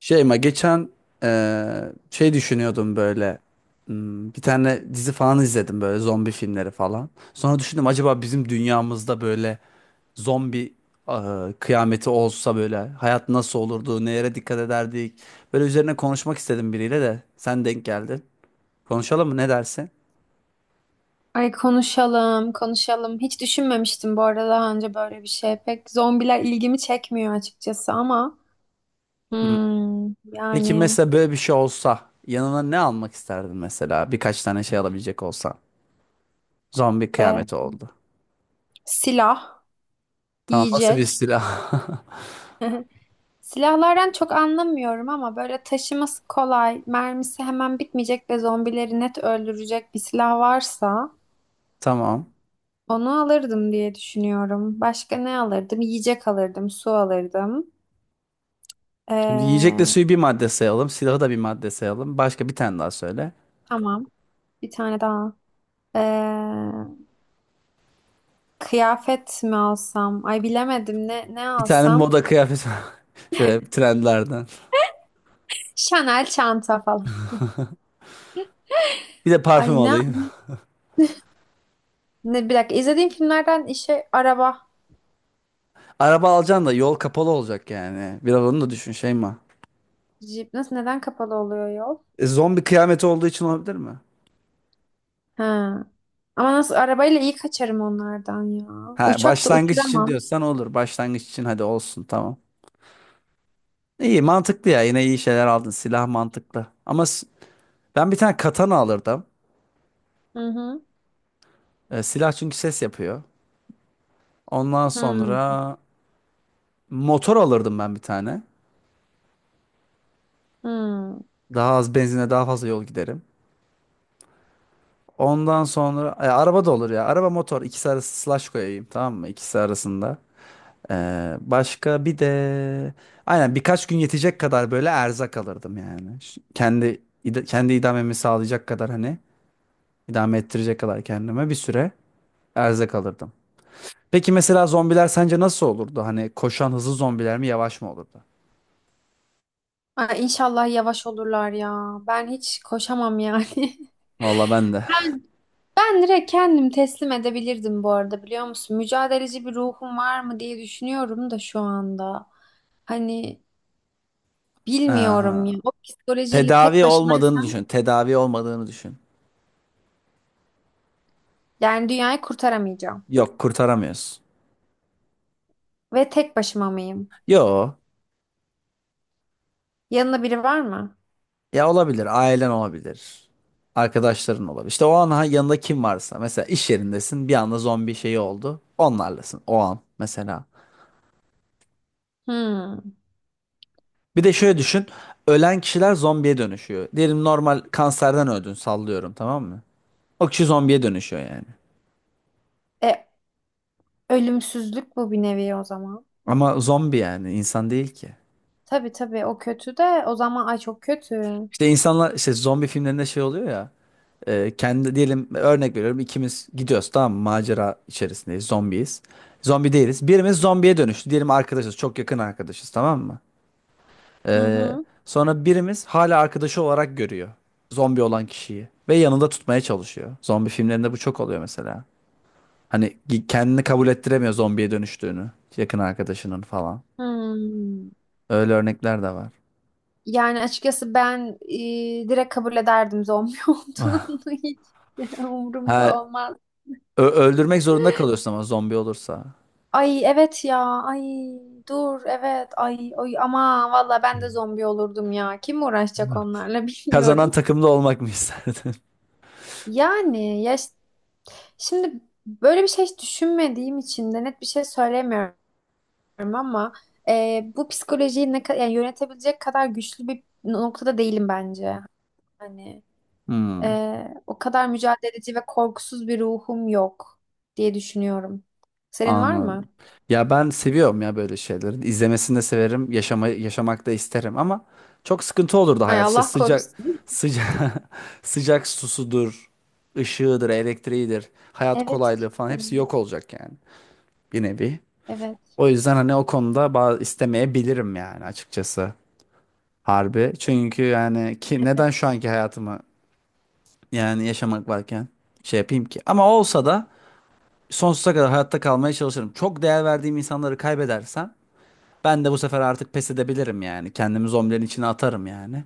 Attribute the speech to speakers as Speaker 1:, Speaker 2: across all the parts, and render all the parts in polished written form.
Speaker 1: Şey ma geçen şey düşünüyordum böyle. Hmm, bir tane dizi falan izledim böyle zombi filmleri falan. Sonra düşündüm acaba bizim dünyamızda böyle zombi kıyameti olsa böyle hayat nasıl olurdu, nelere dikkat ederdik. Böyle üzerine konuşmak istedim biriyle de sen denk geldin. Konuşalım mı, ne dersin?
Speaker 2: Ay konuşalım, konuşalım. Hiç düşünmemiştim bu arada daha önce böyle bir şey. Pek zombiler ilgimi çekmiyor açıkçası ama
Speaker 1: Hmm. Peki
Speaker 2: yani
Speaker 1: mesela böyle bir şey olsa yanına ne almak isterdin, mesela birkaç tane şey alabilecek olsan? Zombi
Speaker 2: e,
Speaker 1: kıyameti oldu.
Speaker 2: silah,
Speaker 1: Tamam, nasıl bir
Speaker 2: yiyecek.
Speaker 1: silah?
Speaker 2: Silahlardan çok anlamıyorum ama böyle taşıması kolay, mermisi hemen bitmeyecek ve zombileri net öldürecek bir silah varsa
Speaker 1: Tamam.
Speaker 2: onu alırdım diye düşünüyorum. Başka ne alırdım? Yiyecek alırdım, su alırdım.
Speaker 1: Şimdi yiyecekle
Speaker 2: Ee,
Speaker 1: suyu bir madde sayalım. Silahı da bir madde sayalım. Başka bir tane daha söyle.
Speaker 2: tamam, bir tane daha. E, Kıyafet mi alsam? Ay bilemedim ne ne
Speaker 1: Bir tane
Speaker 2: alsam?
Speaker 1: moda kıyafet şöyle trendlerden.
Speaker 2: Chanel çanta falan.
Speaker 1: Bir de
Speaker 2: Ay
Speaker 1: parfüm
Speaker 2: ne
Speaker 1: alayım.
Speaker 2: ne bir dakika izlediğim filmlerden işe araba,
Speaker 1: Araba alacaksın da yol kapalı olacak yani. Biraz onu da düşün Şeyma.
Speaker 2: jip nasıl neden kapalı oluyor yol?
Speaker 1: Zombi kıyameti olduğu için olabilir mi?
Speaker 2: Ha. Ama nasıl arabayla iyi kaçarım onlardan ya.
Speaker 1: Ha,
Speaker 2: Uçak da
Speaker 1: başlangıç için
Speaker 2: uçuramam.
Speaker 1: diyorsan olur. Başlangıç için hadi olsun, tamam. İyi, mantıklı ya. Yine iyi şeyler aldın. Silah mantıklı. Ama ben bir tane katana alırdım.
Speaker 2: Hı hı.
Speaker 1: Silah çünkü ses yapıyor. Ondan
Speaker 2: Hı
Speaker 1: sonra motor alırdım ben bir tane.
Speaker 2: hı.
Speaker 1: Daha az benzine daha fazla yol giderim. Ondan sonra araba da olur ya. Araba motor ikisi arası slash koyayım, tamam mı? İkisi arasında. Başka bir de aynen birkaç gün yetecek kadar böyle erzak alırdım yani. Kendi kendi idamemi sağlayacak kadar, hani idame ettirecek kadar kendime bir süre erzak alırdım. Peki mesela zombiler sence nasıl olurdu? Hani koşan hızlı zombiler mi, yavaş mı olurdu?
Speaker 2: Ay inşallah yavaş olurlar ya. Ben hiç koşamam yani.
Speaker 1: Vallahi ben de.
Speaker 2: Ben direkt kendim teslim edebilirdim bu arada biliyor musun? Mücadeleci bir ruhum var mı diye düşünüyorum da şu anda. Hani bilmiyorum
Speaker 1: Aha.
Speaker 2: ya. O psikolojiyle tek
Speaker 1: Tedavi olmadığını
Speaker 2: başınaysam
Speaker 1: düşün. Tedavi olmadığını düşün.
Speaker 2: yani dünyayı kurtaramayacağım.
Speaker 1: Yok, kurtaramıyorsun.
Speaker 2: Ve tek başıma mıyım?
Speaker 1: Yo.
Speaker 2: Yanında biri var mı?
Speaker 1: Ya olabilir. Ailen olabilir. Arkadaşların olabilir. İşte o an yanında kim varsa. Mesela iş yerindesin. Bir anda zombi şeyi oldu. Onlarlasın o an mesela.
Speaker 2: Hmm.
Speaker 1: Bir de şöyle düşün. Ölen kişiler zombiye dönüşüyor. Diyelim normal kanserden öldün, sallıyorum, tamam mı? O kişi zombiye dönüşüyor yani.
Speaker 2: E, ölümsüzlük bu bir nevi o zaman.
Speaker 1: Ama zombi yani insan değil ki.
Speaker 2: Tabii tabii o kötü de o zaman ay çok kötü.
Speaker 1: İşte insanlar işte zombi filmlerinde şey oluyor ya. Kendi diyelim, örnek veriyorum, ikimiz gidiyoruz tamam mı? Macera içerisindeyiz, zombiyiz. Zombi değiliz. Birimiz zombiye dönüştü. Diyelim arkadaşız, çok yakın arkadaşız tamam mı?
Speaker 2: Hı
Speaker 1: E,
Speaker 2: hı.
Speaker 1: Sonra birimiz hala arkadaşı olarak görüyor. Zombi olan kişiyi. Ve yanında tutmaya çalışıyor. Zombi filmlerinde bu çok oluyor mesela. Hani kendini kabul ettiremiyor zombiye dönüştüğünü. Yakın arkadaşının falan.
Speaker 2: Hmm.
Speaker 1: Öyle örnekler de var.
Speaker 2: Yani açıkçası ben direkt kabul ederdim zombi
Speaker 1: Ah.
Speaker 2: olduğunu hiç umurumda
Speaker 1: Ha,
Speaker 2: olmaz.
Speaker 1: öldürmek zorunda kalıyorsun ama zombi olursa.
Speaker 2: Ay evet ya. Ay dur evet. Ay ay ama valla ben de zombi olurdum ya. Kim uğraşacak onlarla
Speaker 1: Kazanan
Speaker 2: bilmiyorum.
Speaker 1: takımda olmak mı isterdin?
Speaker 2: Yani ya şimdi böyle bir şey hiç düşünmediğim için de net bir şey söylemiyorum ama bu psikolojiyi ne kadar yani yönetebilecek kadar güçlü bir noktada değilim bence. Hani
Speaker 1: Hmm.
Speaker 2: e, o kadar mücadeleci ve korkusuz bir ruhum yok diye düşünüyorum. Senin var mı?
Speaker 1: Anladım. Ya ben seviyorum ya böyle şeyleri. İzlemesini de severim, yaşama, yaşamak da isterim ama çok sıkıntı olurdu
Speaker 2: Ay
Speaker 1: hayat. İşte
Speaker 2: Allah
Speaker 1: sıcak
Speaker 2: korusun.
Speaker 1: sıcak sıcak susudur, ışığıdır, elektriğidir, hayat
Speaker 2: Evet.
Speaker 1: kolaylığı falan
Speaker 2: işte.
Speaker 1: hepsi yok olacak yani bir nevi.
Speaker 2: Evet.
Speaker 1: O yüzden hani o konuda bazı istemeyebilirim yani açıkçası. Harbi. Çünkü yani ki neden şu anki hayatımı yani yaşamak varken şey yapayım ki? Ama olsa da sonsuza kadar hayatta kalmaya çalışırım. Çok değer verdiğim insanları kaybedersem ben de bu sefer artık pes edebilirim yani. Kendimi zombilerin içine atarım yani.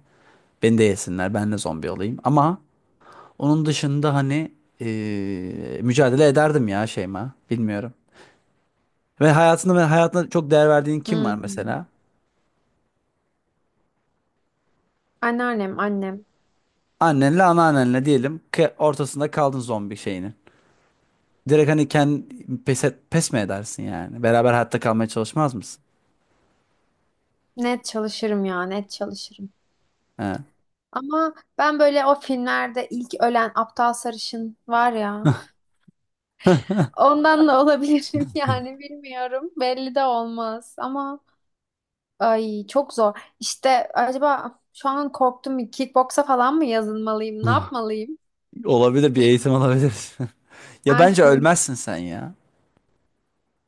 Speaker 1: Beni de yesinler, ben de zombi olayım. Ama onun dışında hani mücadele ederdim ya Şeyma. Bilmiyorum. Ve hayatında ve hayatına çok değer verdiğin kim var
Speaker 2: Hı.
Speaker 1: mesela?
Speaker 2: Anneannem, annem.
Speaker 1: Annenle anneannenle diyelim ki ortasında kaldın zombi şeyinin. Direkt hani kendi pes mi edersin yani? Beraber hayatta kalmaya çalışmaz mısın?
Speaker 2: Net çalışırım ya, net çalışırım.
Speaker 1: He.
Speaker 2: Ama ben böyle o filmlerde ilk ölen aptal sarışın var ya, ondan da olabilirim yani bilmiyorum. Belli de olmaz ama ay çok zor. İşte acaba şu an korktum bir kickboksa falan mı yazılmalıyım, ne yapmalıyım?
Speaker 1: Olabilir, bir eğitim olabilir. Ya bence
Speaker 2: Aynen.
Speaker 1: ölmezsin sen ya.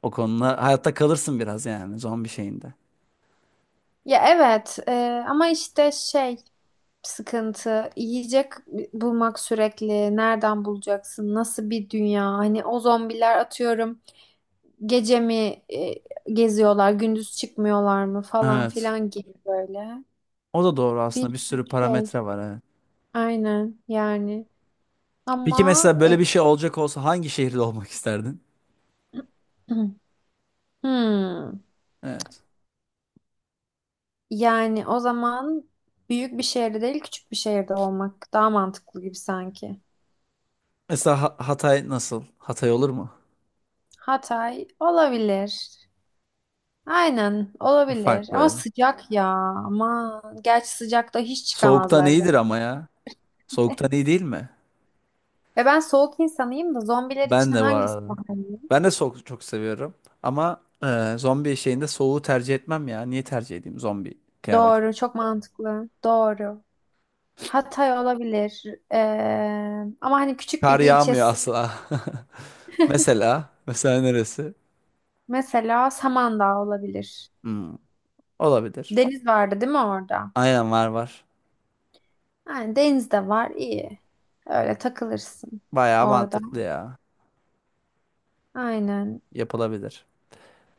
Speaker 1: O konuda hayatta kalırsın biraz yani zombi şeyinde.
Speaker 2: Ya evet ama işte şey sıkıntı. Yiyecek bulmak sürekli. Nereden bulacaksın? Nasıl bir dünya? Hani o zombiler atıyorum. Gece mi geziyorlar? Gündüz çıkmıyorlar mı? Falan
Speaker 1: Evet.
Speaker 2: filan gibi böyle.
Speaker 1: O da doğru
Speaker 2: Bir
Speaker 1: aslında, bir
Speaker 2: sürü
Speaker 1: sürü
Speaker 2: şey.
Speaker 1: parametre var evet.
Speaker 2: Aynen yani.
Speaker 1: Peki
Speaker 2: Ama
Speaker 1: mesela böyle bir şey olacak olsa hangi şehirde olmak isterdin?
Speaker 2: e, hmm,
Speaker 1: Evet.
Speaker 2: yani o zaman büyük bir şehirde değil küçük bir şehirde olmak daha mantıklı gibi sanki.
Speaker 1: Mesela Hatay nasıl? Hatay olur mu?
Speaker 2: Hatay olabilir. Aynen
Speaker 1: Bu
Speaker 2: olabilir
Speaker 1: fark
Speaker 2: ama
Speaker 1: böyle.
Speaker 2: sıcak ya ama gerçi sıcakta hiç
Speaker 1: Soğuktan
Speaker 2: çıkamazlar
Speaker 1: iyidir
Speaker 2: zaten.
Speaker 1: ama ya. Soğuktan iyi değil mi?
Speaker 2: Ve ben soğuk insanıyım da zombiler
Speaker 1: Ben
Speaker 2: için
Speaker 1: de bu
Speaker 2: hangisi
Speaker 1: arada.
Speaker 2: daha iyi?
Speaker 1: Ben de soğuk çok seviyorum. Ama zombi şeyinde soğuğu tercih etmem ya. Niye tercih edeyim zombi kıyameti?
Speaker 2: Doğru çok mantıklı doğru. Hatay olabilir. Ee, ama hani küçük
Speaker 1: Kar
Speaker 2: bir
Speaker 1: yağmıyor
Speaker 2: ilçesi
Speaker 1: asla. Mesela. Mesela neresi?
Speaker 2: mesela Samandağ olabilir.
Speaker 1: Hmm, olabilir.
Speaker 2: Deniz vardı değil mi orada?
Speaker 1: Aynen, var var.
Speaker 2: Yani deniz de var iyi öyle takılırsın
Speaker 1: Bayağı
Speaker 2: orada
Speaker 1: mantıklı ya.
Speaker 2: aynen
Speaker 1: Yapılabilir.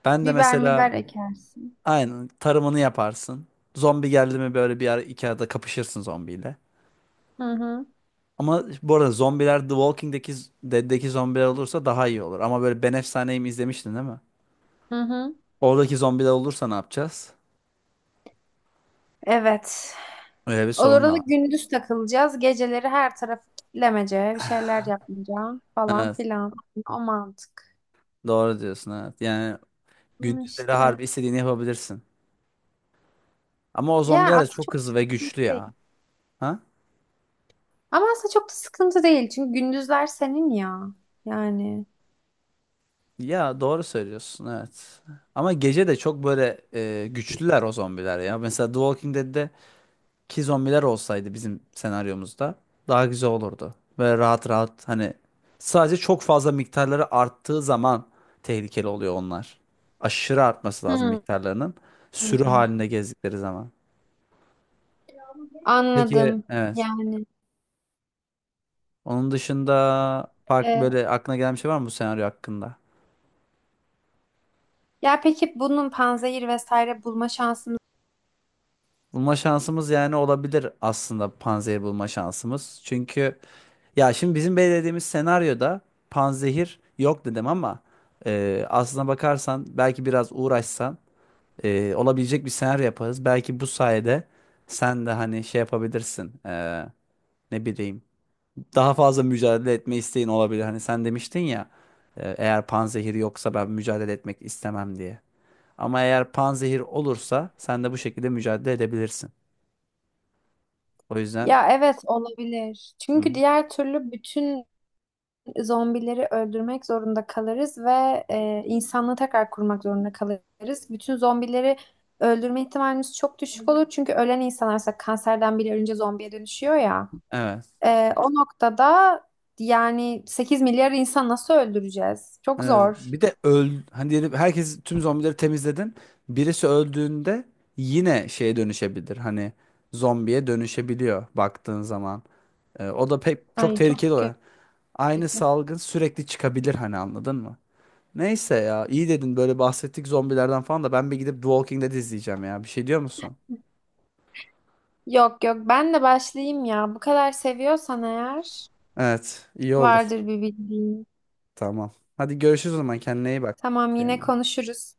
Speaker 1: Ben de
Speaker 2: biber
Speaker 1: mesela
Speaker 2: biber ekersin.
Speaker 1: aynen tarımını yaparsın. Zombi geldi mi böyle bir ara iki arada kapışırsın zombiyle.
Speaker 2: Hı hı
Speaker 1: Ama bu arada zombiler The Walking'deki Dead'deki zombiler olursa daha iyi olur. Ama böyle Ben Efsane'yi mi izlemiştin değil mi?
Speaker 2: hı hı.
Speaker 1: Oradaki zombiler olursa ne yapacağız?
Speaker 2: Evet.
Speaker 1: Öyle bir
Speaker 2: Olur
Speaker 1: sorun da
Speaker 2: Orada
Speaker 1: var.
Speaker 2: gündüz takılacağız. Geceleri her tarafı kitlemece, bir şeyler yapmayacağım falan
Speaker 1: Evet.
Speaker 2: filan. O mantık.
Speaker 1: Doğru diyorsun evet. Yani
Speaker 2: Hı,
Speaker 1: gündüzleri
Speaker 2: İşte.
Speaker 1: harbi istediğini yapabilirsin. Ama o
Speaker 2: Ya
Speaker 1: zombiler de
Speaker 2: aslında
Speaker 1: çok
Speaker 2: çok da
Speaker 1: hızlı ve
Speaker 2: sıkıntı
Speaker 1: güçlü
Speaker 2: değil.
Speaker 1: ya. Ha?
Speaker 2: Ama aslında çok da sıkıntı değil. Çünkü gündüzler senin ya. Yani.
Speaker 1: Ya doğru söylüyorsun evet. Ama gece de çok böyle güçlüler o zombiler ya. Mesela The Walking Dead'de ki zombiler olsaydı bizim senaryomuzda daha güzel olurdu. Böyle rahat rahat hani sadece çok fazla miktarları arttığı zaman tehlikeli oluyor onlar. Aşırı artması lazım
Speaker 2: Hı.
Speaker 1: miktarlarının. Sürü
Speaker 2: hı.
Speaker 1: halinde gezdikleri zaman. Peki
Speaker 2: Anladım.
Speaker 1: evet.
Speaker 2: Yani.
Speaker 1: Onun dışında farklı
Speaker 2: e,
Speaker 1: böyle aklına gelen bir şey var mı bu senaryo hakkında?
Speaker 2: ya peki bunun panzehir vesaire bulma şansımız.
Speaker 1: Bulma şansımız yani olabilir aslında, panzehir bulma şansımız. Çünkü ya şimdi bizim belirlediğimiz senaryoda panzehir yok dedim ama aslına bakarsan belki biraz uğraşsan olabilecek bir senaryo yaparız. Belki bu sayede sen de hani şey yapabilirsin, ne bileyim, daha fazla mücadele etme isteğin olabilir. Hani sen demiştin ya eğer panzehir yoksa ben mücadele etmek istemem diye. Ama eğer panzehir olursa sen de bu şekilde mücadele edebilirsin. O yüzden.
Speaker 2: Ya evet olabilir.
Speaker 1: Hı
Speaker 2: Çünkü
Speaker 1: hı.
Speaker 2: diğer türlü bütün zombileri öldürmek zorunda kalırız ve insanlığı tekrar kurmak zorunda kalırız. Bütün zombileri öldürme ihtimalimiz çok düşük olur. Çünkü ölen insanlarsa kanserden bile ölünce zombiye dönüşüyor ya.
Speaker 1: Evet.
Speaker 2: O noktada yani 8 milyar insan nasıl öldüreceğiz? Çok zor.
Speaker 1: Bir de öl hani diyelim herkes tüm zombileri temizledin. Birisi öldüğünde yine şeye dönüşebilir. Hani zombiye dönüşebiliyor baktığın zaman. O da pek çok
Speaker 2: Ay
Speaker 1: tehlikeli
Speaker 2: çok kötü.
Speaker 1: oluyor. Aynı salgın sürekli çıkabilir hani, anladın mı? Neyse ya, iyi dedin, böyle bahsettik zombilerden falan da ben bir gidip The Walking Dead izleyeceğim ya. Bir şey diyor musun?
Speaker 2: Yok yok ben de başlayayım ya. Bu kadar seviyorsan eğer
Speaker 1: Evet, iyi olur.
Speaker 2: vardır bir bildiğin.
Speaker 1: Tamam. Hadi görüşürüz o zaman, kendine iyi bak.
Speaker 2: Tamam yine
Speaker 1: Şeyma.
Speaker 2: konuşuruz.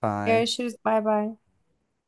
Speaker 1: Bye.
Speaker 2: Görüşürüz bay bay.